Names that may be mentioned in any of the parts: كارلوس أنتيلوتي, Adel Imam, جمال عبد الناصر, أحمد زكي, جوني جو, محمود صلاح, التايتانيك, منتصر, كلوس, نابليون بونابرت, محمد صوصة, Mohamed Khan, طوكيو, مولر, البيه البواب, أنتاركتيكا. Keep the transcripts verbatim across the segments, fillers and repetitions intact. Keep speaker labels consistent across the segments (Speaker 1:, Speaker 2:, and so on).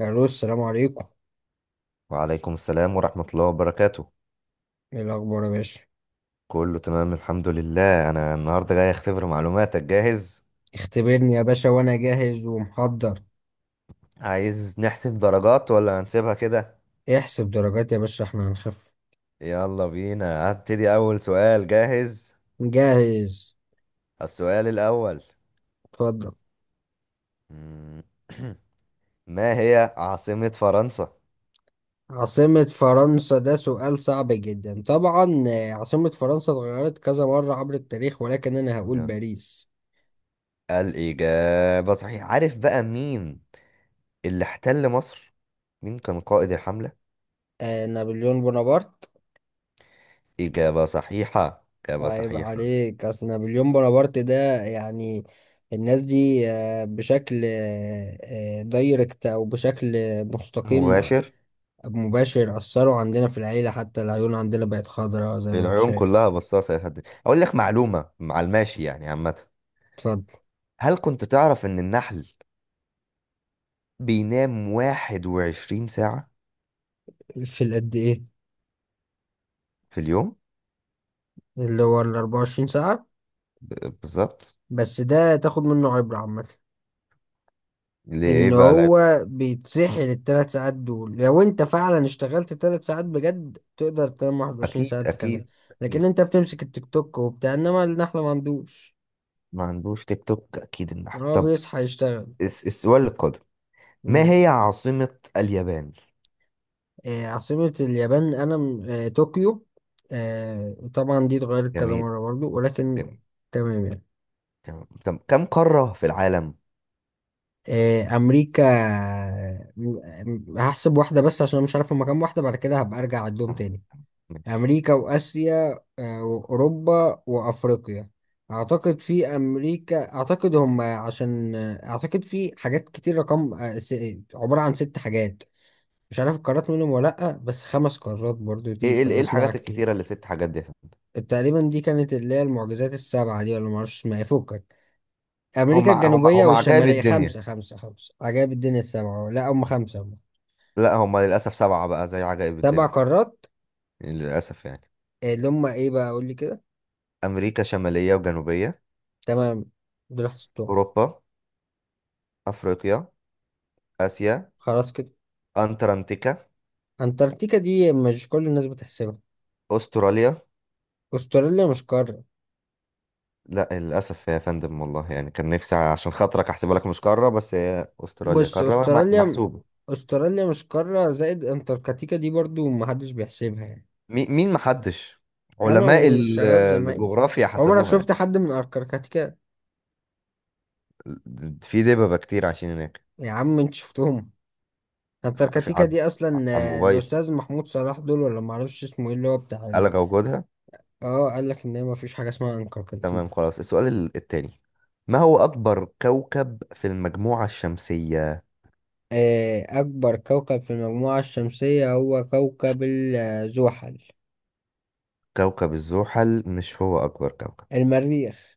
Speaker 1: الو، السلام عليكم.
Speaker 2: وعليكم السلام ورحمة الله وبركاته.
Speaker 1: ايه الاخبار يا باشا؟
Speaker 2: كله تمام الحمد لله. أنا النهاردة جاي أختبر معلوماتك، جاهز؟
Speaker 1: اختبرني يا باشا وانا جاهز ومحضر.
Speaker 2: عايز نحسب درجات ولا هنسيبها كده؟
Speaker 1: احسب درجات يا باشا، احنا هنخف.
Speaker 2: يلا بينا هبتدي أول سؤال، جاهز؟
Speaker 1: جاهز.
Speaker 2: السؤال الأول.
Speaker 1: اتفضل.
Speaker 2: مم. ما هي عاصمة فرنسا؟
Speaker 1: عاصمة فرنسا ده سؤال صعب جدا. طبعا آه، عاصمة فرنسا اتغيرت كذا مرة عبر التاريخ، ولكن انا هقول
Speaker 2: نعم.
Speaker 1: باريس.
Speaker 2: الإجابة صحيحة. عارف بقى مين اللي احتل مصر؟ مين كان قائد الحملة؟
Speaker 1: آه نابليون بونابرت.
Speaker 2: إجابة صحيحة، إجابة
Speaker 1: عيب
Speaker 2: صحيحة.
Speaker 1: عليك، اصل نابليون بونابرت ده يعني الناس دي آه، بشكل آه آه، دايركت، او بشكل مستقيم.
Speaker 2: مباشر.
Speaker 1: مباشر، أثروا عندنا في العيلة، حتى العيون عندنا بقت خضراء زي ما انت
Speaker 2: العيون
Speaker 1: شايف.
Speaker 2: كلها بصاصة يا فندم. أقول لك معلومة مع الماشي يعني، عامة،
Speaker 1: اتفضل.
Speaker 2: هل كنت تعرف إن النحل بينام 21 ساعة
Speaker 1: في القد ايه؟
Speaker 2: في اليوم؟
Speaker 1: اللي هو الأربعة وعشرين ساعة.
Speaker 2: ب- بالظبط
Speaker 1: بس ده تاخد منه عبرة عامة.
Speaker 2: ليه، إيه
Speaker 1: ان
Speaker 2: بقى العيب؟
Speaker 1: هو بيتسحل التلات ساعات دول، لو انت فعلا اشتغلت تلات ساعات بجد تقدر تنام واحد وعشرين ساعة
Speaker 2: أكيد
Speaker 1: تكمل.
Speaker 2: أكيد
Speaker 1: لكن
Speaker 2: أكيد.
Speaker 1: انت بتمسك التيك توك وبتاع، انما النحلة ما عندوش.
Speaker 2: ما عندوش تيك توك، أكيد النحل.
Speaker 1: هو
Speaker 2: طب
Speaker 1: بيصحى يشتغل.
Speaker 2: الس- السؤال القادم، ما
Speaker 1: مم.
Speaker 2: هي عاصمة اليابان؟
Speaker 1: آه، عاصمة اليابان أنا م- آه، طوكيو. آه، طبعا دي اتغيرت كذا
Speaker 2: جميل،
Speaker 1: مرة برضو، ولكن
Speaker 2: جميل.
Speaker 1: تمام يعني.
Speaker 2: تمام. طب كم قارة في العالم؟
Speaker 1: آه، أمريكا، آه، م- هحسب واحدة بس عشان أنا مش عارف هما كام واحدة، بعد كده هبقى أرجع أعدهم
Speaker 2: تمام،
Speaker 1: تاني.
Speaker 2: ماشي.
Speaker 1: أمريكا وآسيا آه، وأوروبا وأفريقيا. أعتقد في أمريكا، أعتقد هما عشان آه، أعتقد في حاجات كتير رقم آه، س- عبارة عن ست حاجات. مش عارف القارات منهم ولا لأ، بس خمس قارات برضو
Speaker 2: إيه
Speaker 1: دي ب-
Speaker 2: إيه إيه
Speaker 1: بسمعها
Speaker 2: الحاجات
Speaker 1: كتير.
Speaker 2: الكتيرة اللي ست حاجات دي يا فندم؟
Speaker 1: تقريبا دي كانت اللي هي المعجزات السبعة دي، ولا معرفش اسمها ايه، فكك.
Speaker 2: هم
Speaker 1: أمريكا
Speaker 2: هم
Speaker 1: الجنوبية
Speaker 2: هم عجائب
Speaker 1: والشمالية.
Speaker 2: الدنيا.
Speaker 1: خمسة خمسة خمسة عجائب الدنيا السبعة، لا هم خمسة هم.
Speaker 2: لا هما للأسف سبعة، بقى زي عجائب
Speaker 1: سبع
Speaker 2: الدنيا
Speaker 1: قارات
Speaker 2: يعني. للأسف يعني.
Speaker 1: اللي هم ايه بقى قول لي كده.
Speaker 2: أمريكا شمالية وجنوبية،
Speaker 1: تمام. دول حسبتهم.
Speaker 2: أوروبا، أفريقيا، آسيا،
Speaker 1: خلاص كده.
Speaker 2: أنتاركتيكا،
Speaker 1: أنتاركتيكا دي مش كل الناس بتحسبها.
Speaker 2: أستراليا.
Speaker 1: أستراليا مش قارة.
Speaker 2: لا للأسف يا فندم، والله يعني كان نفسي عشان خاطرك أحسبها لك مش قارة، بس هي أستراليا
Speaker 1: بص،
Speaker 2: قارة مح-
Speaker 1: أستراليا
Speaker 2: محسوبة
Speaker 1: أستراليا مش قارة، زائد أنتاركتيكا دي برضو محدش بيحسبها يعني.
Speaker 2: مي- مين محدش؟
Speaker 1: أنا
Speaker 2: علماء ال-
Speaker 1: والشباب زمايلي.
Speaker 2: الجغرافيا
Speaker 1: عمرك
Speaker 2: حسبوها يعني.
Speaker 1: شفت حد من أنتاركتيكا؟
Speaker 2: في دببة كتير عايشين هناك.
Speaker 1: يا عم انت شفتهم؟
Speaker 2: ف- في-
Speaker 1: التركتيكا
Speaker 2: على،
Speaker 1: دي اصلا
Speaker 2: على
Speaker 1: آه،
Speaker 2: الموبايل،
Speaker 1: الاستاذ محمود صلاح دول، ولا معرفش اسمه ايه، اللي هو بتاع ال...
Speaker 2: ألغى وجودها.
Speaker 1: اه، قال لك ان ما فيش حاجه اسمها
Speaker 2: تمام
Speaker 1: انكركتيكا.
Speaker 2: خلاص. السؤال ال- التاني ما هو أكبر كوكب في المجموعة الشمسية؟
Speaker 1: آه، اكبر كوكب في المجموعه الشمسيه هو كوكب ال- آه، زحل.
Speaker 2: كوكب الزحل مش هو أكبر كوكب.
Speaker 1: المريخ.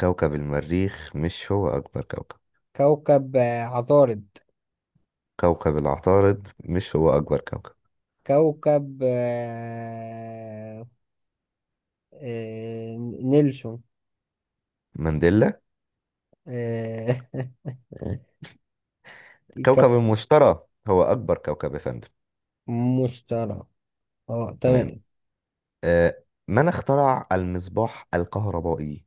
Speaker 2: كوكب المريخ مش هو أكبر كوكب.
Speaker 1: كوكب آه، عطارد.
Speaker 2: كوكب العطارد مش هو أكبر كوكب.
Speaker 1: كوكب آه، آه، نيلسون.
Speaker 2: مانديلا؟
Speaker 1: آه، كوكب.
Speaker 2: كوكب المشتري هو أكبر كوكب يا فندم.
Speaker 1: مشتري. اه
Speaker 2: تمام.
Speaker 1: تمام.
Speaker 2: آه، من اخترع المصباح الكهربائي؟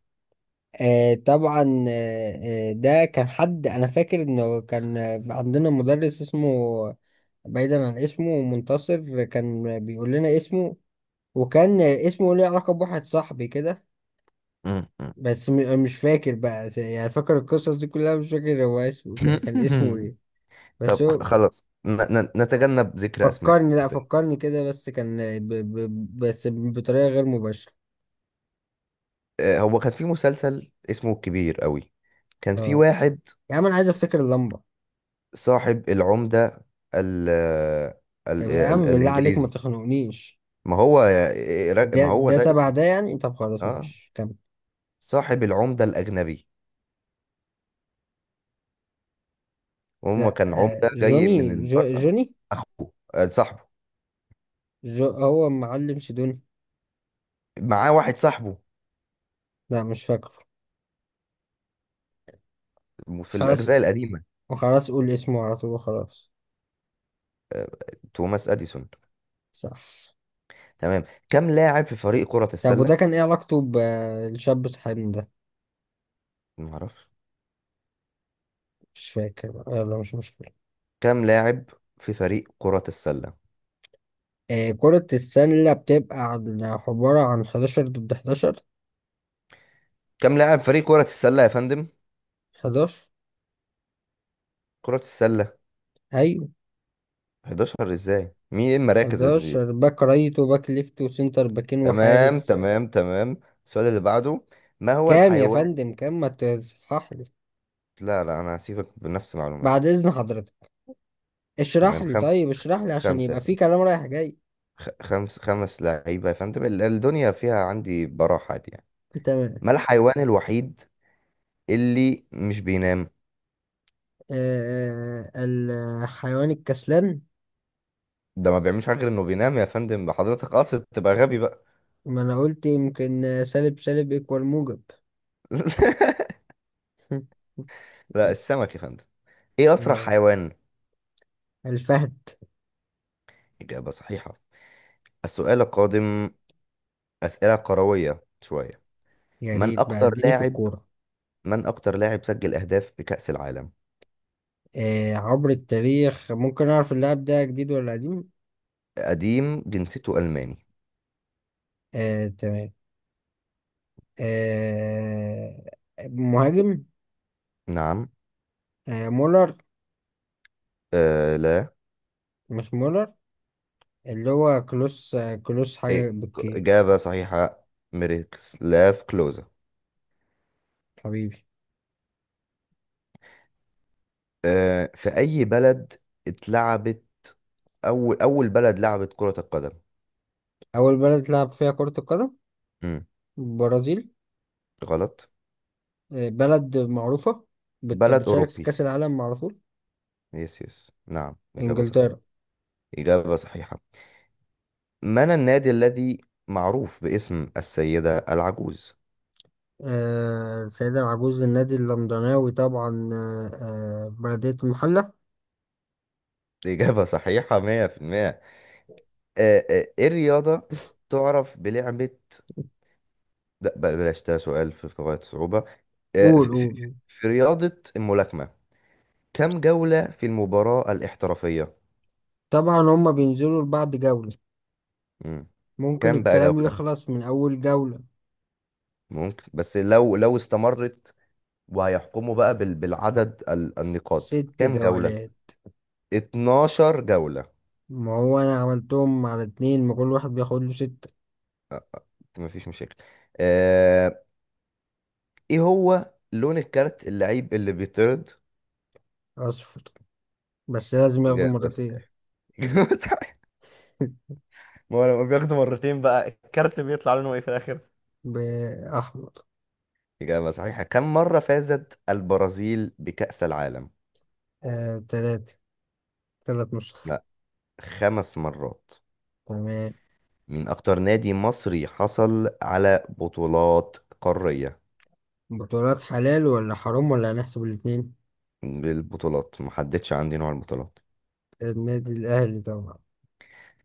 Speaker 1: آه طبعا آه آه، ده كان حد انا فاكر انه كان عندنا مدرس اسمه، بعيدا عن اسمه منتصر كان بيقول لنا اسمه، وكان اسمه ليه علاقة بواحد صاحبي كده. بس م- مش فاكر بقى، يعني فاكر القصص دي كلها، مش فاكر هو اسمه ك- كان اسمه ايه. بس
Speaker 2: طب خ-
Speaker 1: هو.
Speaker 2: خلاص ن- ن- نتجنب ذكر أسماء.
Speaker 1: فكرني، لا فكرني كده، بس كان ب ب بس بطريقة غير مباشرة.
Speaker 2: آه، هو كان في مسلسل اسمه الكبير قوي، كان في
Speaker 1: اه،
Speaker 2: واحد
Speaker 1: يا عم انا عايز افتكر اللمبة.
Speaker 2: صاحب العمدة، ال آه، ال
Speaker 1: طب يا
Speaker 2: آه، ال
Speaker 1: عم بالله عليك ما
Speaker 2: الإنجليزي.
Speaker 1: تخنقنيش.
Speaker 2: ما هو، ما
Speaker 1: ده
Speaker 2: هو
Speaker 1: ده
Speaker 2: ده
Speaker 1: تبع
Speaker 2: اسمه،
Speaker 1: ده يعني، طب خلاص
Speaker 2: اه،
Speaker 1: ماشي كمل.
Speaker 2: صاحب العمدة الأجنبي. وهم
Speaker 1: لا،
Speaker 2: كان
Speaker 1: آه
Speaker 2: عمدة جاي
Speaker 1: جوني،
Speaker 2: من
Speaker 1: جو
Speaker 2: بره.
Speaker 1: جوني
Speaker 2: أخوه، آه، صاحبه،
Speaker 1: جو هو معلم سيدوني.
Speaker 2: معاه واحد صاحبه
Speaker 1: لا مش فاكره.
Speaker 2: في
Speaker 1: خلاص.
Speaker 2: الأجزاء القديمة.
Speaker 1: وخلاص قول اسمه على طول وخلاص.
Speaker 2: توماس أديسون.
Speaker 1: صح.
Speaker 2: تمام. كم لاعب في فريق كرة
Speaker 1: طب وده
Speaker 2: السلة؟
Speaker 1: كان ايه علاقته بالشاب صاحبنا ده؟
Speaker 2: ما أعرفش.
Speaker 1: مش فاكر بقى. يلا مش مشكلة.
Speaker 2: كم لاعب في فريق كرة السلة؟
Speaker 1: آه كرة السلة بتبقى عن- عبارة عن حداشر ضد حداشر.
Speaker 2: كم لاعب فريق كرة السلة يا فندم؟
Speaker 1: حداشر.
Speaker 2: كرة السلة.
Speaker 1: ايوه.
Speaker 2: أحد عشر ازاي؟ مين، ايه المراكز اللي؟
Speaker 1: أحد عشر باك رايت وباك ليفت وسنتر باكين
Speaker 2: تمام
Speaker 1: وحارس.
Speaker 2: تمام تمام. السؤال اللي بعده، ما هو
Speaker 1: كام يا
Speaker 2: الحيوان؟
Speaker 1: فندم؟ كام ما تصحح لي؟
Speaker 2: لا لا انا هسيبك بنفس
Speaker 1: بعد
Speaker 2: معلوماتك.
Speaker 1: اذن حضرتك، اشرح
Speaker 2: تمام،
Speaker 1: لي.
Speaker 2: خمس،
Speaker 1: طيب اشرح لي عشان
Speaker 2: خمسة يا
Speaker 1: يبقى في
Speaker 2: فندم،
Speaker 1: كلام رايح جاي.
Speaker 2: خ- خمس خمس لعيبة يا فندم، ال- الدنيا فيها عندي براحة دي يعني.
Speaker 1: تمام.
Speaker 2: ما الحيوان الوحيد اللي مش بينام؟
Speaker 1: آه آه، آه، الحيوان الكسلان.
Speaker 2: ده ما بيعملش حاجة غير انه بينام يا فندم، حضرتك قاصد تبقى غبي بقى؟
Speaker 1: ما انا قلت، يمكن آه، سالب سالب يكوال موجب.
Speaker 2: لا السمك يا فندم. ايه اسرع
Speaker 1: اه،
Speaker 2: حيوان؟
Speaker 1: الفهد.
Speaker 2: إجابة صحيحة. السؤال القادم، أسئلة كروية شوية.
Speaker 1: يا
Speaker 2: من
Speaker 1: ريت بقى
Speaker 2: أكتر
Speaker 1: اديني في
Speaker 2: لاعب،
Speaker 1: الكورة.
Speaker 2: من أكتر لاعب سجل أهداف بكأس العالم؟
Speaker 1: آه عبر التاريخ، ممكن اعرف اللاعب ده جديد ولا قديم؟
Speaker 2: قديم، جنسيته ألماني.
Speaker 1: آه تمام. آه مهاجم.
Speaker 2: نعم.
Speaker 1: آه مولر.
Speaker 2: آه لا.
Speaker 1: مش مولر، اللي هو كلوس آه كلوس حاجة
Speaker 2: إيه.
Speaker 1: بالكي.
Speaker 2: إجابة صحيحة، ميروسلاف كلوزا.
Speaker 1: حبيبي.
Speaker 2: آه، في أي بلد اتلعبت أول، أول بلد لعبت كرة القدم؟
Speaker 1: أول بلد لعب فيها كرة القدم.
Speaker 2: مم.
Speaker 1: البرازيل.
Speaker 2: غلط.
Speaker 1: آه، بلد معروفة، بت-
Speaker 2: بلد
Speaker 1: بتشارك في
Speaker 2: أوروبي.
Speaker 1: كأس العالم على طول.
Speaker 2: يس يس نعم، إجابة صحيحة.
Speaker 1: إنجلترا.
Speaker 2: إجابة صحيحة. من النادي الذي معروف باسم السيدة العجوز؟
Speaker 1: آه، السيدة العجوز النادي اللندناوي طبعا، آه، آه، بلدية المحلة.
Speaker 2: إجابة صحيحة مية في المية. آه آه، إيه الرياضة تعرف بلعبة، لا بل- بلاش ده سؤال في في غاية الصعوبة. آه،
Speaker 1: قول
Speaker 2: في في-
Speaker 1: قول.
Speaker 2: في رياضة الملاكمة، كم جولة في المباراة الاحترافية؟
Speaker 1: طبعا هما بينزلوا لبعض جولة.
Speaker 2: مم.
Speaker 1: ممكن
Speaker 2: كم بقى
Speaker 1: الكلام
Speaker 2: جولة؟
Speaker 1: يخلص من أول جولة.
Speaker 2: ممكن، بس لو لو استمرت وهيحكموا بقى بال- بالعدد ال- النقاط
Speaker 1: ست
Speaker 2: كم جولة؟
Speaker 1: جولات
Speaker 2: 12 جولة.
Speaker 1: ما هو أنا عملتهم على اتنين، ما كل واحد بياخد له ستة.
Speaker 2: مفيش مشاكل. آه، ايه هو لون الكارت اللعيب اللي بيطرد؟
Speaker 1: أصفر، بس لازم ياخدوا
Speaker 2: إجابة
Speaker 1: مرتين.
Speaker 2: صحيحة. إجابة صحيحة. ما هو لما بياخده مرتين بقى الكارت بيطلع لونه ايه في الآخر؟
Speaker 1: بأحمر.
Speaker 2: إجابة صحيحة. كم مرة فازت البرازيل بكأس العالم؟
Speaker 1: آه، تلاتة، تلات نسخ.
Speaker 2: لا، خمس مرات.
Speaker 1: تمام.
Speaker 2: مين أكتر نادي مصري حصل على بطولات قارية؟
Speaker 1: بطولات حلال ولا حرام ولا هنحسب الاتنين؟
Speaker 2: بالبطولات محددش عندي نوع البطولات.
Speaker 1: النادي الأهلي طبعا.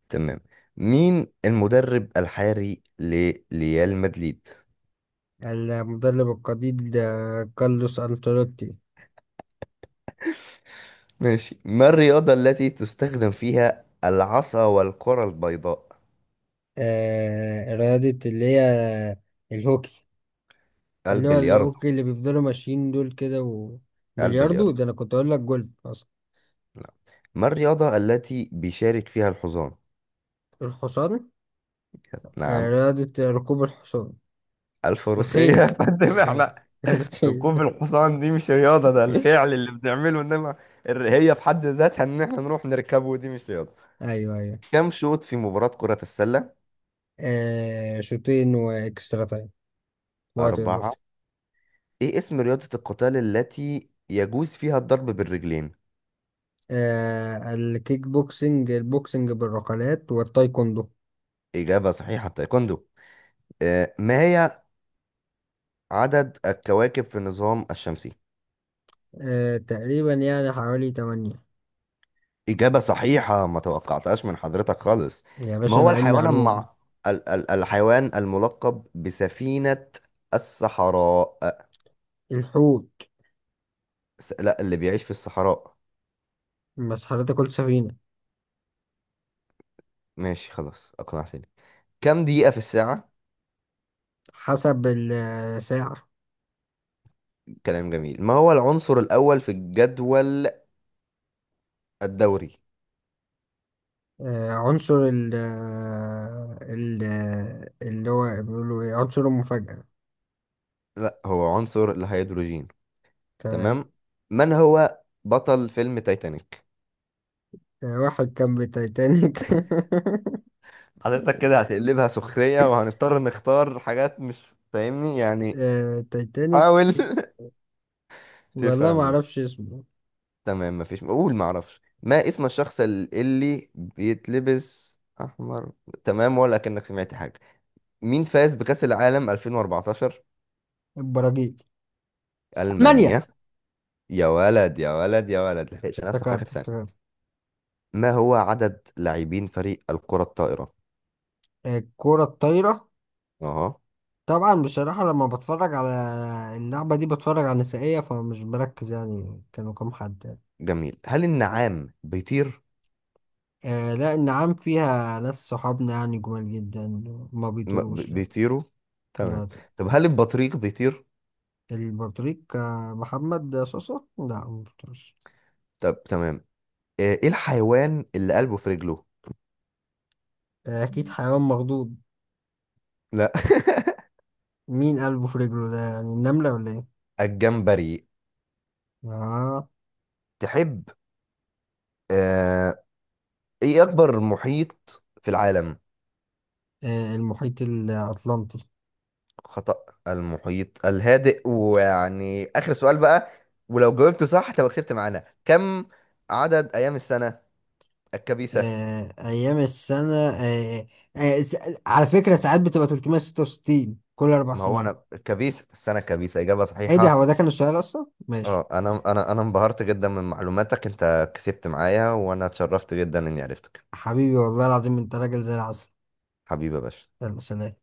Speaker 2: تمام. مين المدرب الحالي لريال مدريد؟
Speaker 1: المدرب القدير ده كارلوس أنتيلوتي.
Speaker 2: ماشي. ما الرياضة التي تستخدم فيها العصا والكرة البيضاء؟
Speaker 1: آه رياضة اللي هي الهوكي. اللي هو
Speaker 2: البلياردو.
Speaker 1: الهوكي اللي بيفضلوا ماشيين دول كده. وبلياردو
Speaker 2: البلياردو.
Speaker 1: ده أنا كنت أقول لك جولف أصلا.
Speaker 2: لا. ما الرياضة التي بيشارك فيها الحصان؟
Speaker 1: الحصان. آه
Speaker 2: نعم.
Speaker 1: رياضة ركوب الحصان.
Speaker 2: الفروسية.
Speaker 1: الخيل.
Speaker 2: فانما
Speaker 1: الخيل
Speaker 2: احنا، ركوب
Speaker 1: الخيل.
Speaker 2: الحصان دي مش رياضة، ده الفعل اللي بنعمله، انما الر- هي في حد ذاتها ان احنا نروح نركبه دي مش رياضة.
Speaker 1: أيوه أيوه.
Speaker 2: كم شوط في مباراة كرة السلة؟
Speaker 1: آه شوطين وإكسترا تايم. وقت
Speaker 2: أربعة.
Speaker 1: إضافي.
Speaker 2: ايه اسم رياضة القتال التي يجوز فيها الضرب بالرجلين؟
Speaker 1: آه الكيك بوكسنج، البوكسنج بالركلات، والتايكوندو.
Speaker 2: إجابة صحيحة، تايكوندو. آه، ما هي عدد الكواكب في النظام الشمسي؟
Speaker 1: آه تقريبا يعني حوالي تمانية.
Speaker 2: إجابة صحيحة، ما توقعتهاش من حضرتك خالص.
Speaker 1: يا
Speaker 2: ما
Speaker 1: باشا
Speaker 2: هو
Speaker 1: أنا علمي
Speaker 2: الحيوان،
Speaker 1: علوم.
Speaker 2: مع ال ال الحيوان الملقب بسفينة الصحراء؟ آه،
Speaker 1: الحوت.
Speaker 2: س- لا اللي بيعيش في الصحراء.
Speaker 1: بس حضرتك قلت سفينة.
Speaker 2: ماشي خلاص اقنعتني. كم دقيقة في الساعة؟
Speaker 1: حسب الساعة.
Speaker 2: كلام جميل. ما هو العنصر الأول في الجدول الدوري؟
Speaker 1: آه عنصر ال آه، ال آه، اللي هو بيقولوا إيه، عنصر المفاجأة.
Speaker 2: لا هو عنصر الهيدروجين.
Speaker 1: تمام.
Speaker 2: تمام. من هو بطل فيلم تايتانيك؟
Speaker 1: آه، واحد كان بالتايتانيك.
Speaker 2: حضرتك كده هتقلبها سخرية وهنضطر نختار حاجات مش فاهمني يعني.
Speaker 1: آه تايتانيك.
Speaker 2: حاول.
Speaker 1: والله ما
Speaker 2: تفهمني.
Speaker 1: أعرفش اسمه.
Speaker 2: تمام، مفيش قول معرفش ما اسم الشخص اللي بيتلبس أحمر. تمام ولا كأنك سمعت حاجة. مين فاز بكأس العالم ألفين وأربعتاشر؟
Speaker 1: البراجيل. تمانية.
Speaker 2: ألمانيا. يا ولد يا ولد يا ولد، لحقت نفسك في آخر
Speaker 1: افتكرت
Speaker 2: ثانية.
Speaker 1: افتكرت.
Speaker 2: ما هو عدد لاعبين فريق الكرة الطائرة؟
Speaker 1: آه، الكرة الطايرة.
Speaker 2: اه.
Speaker 1: طبعا بصراحة لما بتفرج على اللعبة دي بتفرج على نسائية، فمش بركز يعني كانوا كام حد يعني.
Speaker 2: جميل. هل النعام بيطير؟
Speaker 1: آه لا، النعام فيها ناس صحابنا يعني جمال جدا. ما
Speaker 2: م-
Speaker 1: بيطيروش
Speaker 2: ب-
Speaker 1: لا.
Speaker 2: بيطيروا
Speaker 1: لا
Speaker 2: تمام.
Speaker 1: لا.
Speaker 2: طب هل البطريق بيطير؟
Speaker 1: البطريق آه، محمد صوصة، لا ما بيطيرش.
Speaker 2: طب تمام. ايه، إيه الحيوان اللي قلبه في رجله؟
Speaker 1: آه أكيد حيوان مخضوض.
Speaker 2: لا.
Speaker 1: مين قلبه في رجله ده، يعني النملة ولا إيه؟
Speaker 2: الجمبري.
Speaker 1: آه.
Speaker 2: تحب، آه... ايه اكبر محيط في العالم؟
Speaker 1: آه المحيط الأطلنطي.
Speaker 2: خطأ، المحيط الهادئ. ويعني آخر سؤال بقى، ولو جاوبته صح تبقى كسبت معانا، كم عدد أيام السنة الكبيسة؟
Speaker 1: آه أيام السنة. آه آه س- على فكرة ساعات بتبقى تلتمية وستة وستين كل أربع
Speaker 2: ما هو أنا
Speaker 1: سنين
Speaker 2: الكبيس، السنة الكبيسة، إجابة
Speaker 1: ايه ده، هو
Speaker 2: صحيحة.
Speaker 1: ده كان السؤال اصلا، ماشي.
Speaker 2: اه، أنا أنا أنا انبهرت جدا من معلوماتك، أنت كسبت معايا، وأنا اتشرفت جدا إني عرفتك.
Speaker 1: حبيبي والله العظيم انت راجل زي العسل.
Speaker 2: حبيبي يا باشا.
Speaker 1: يلا سلام.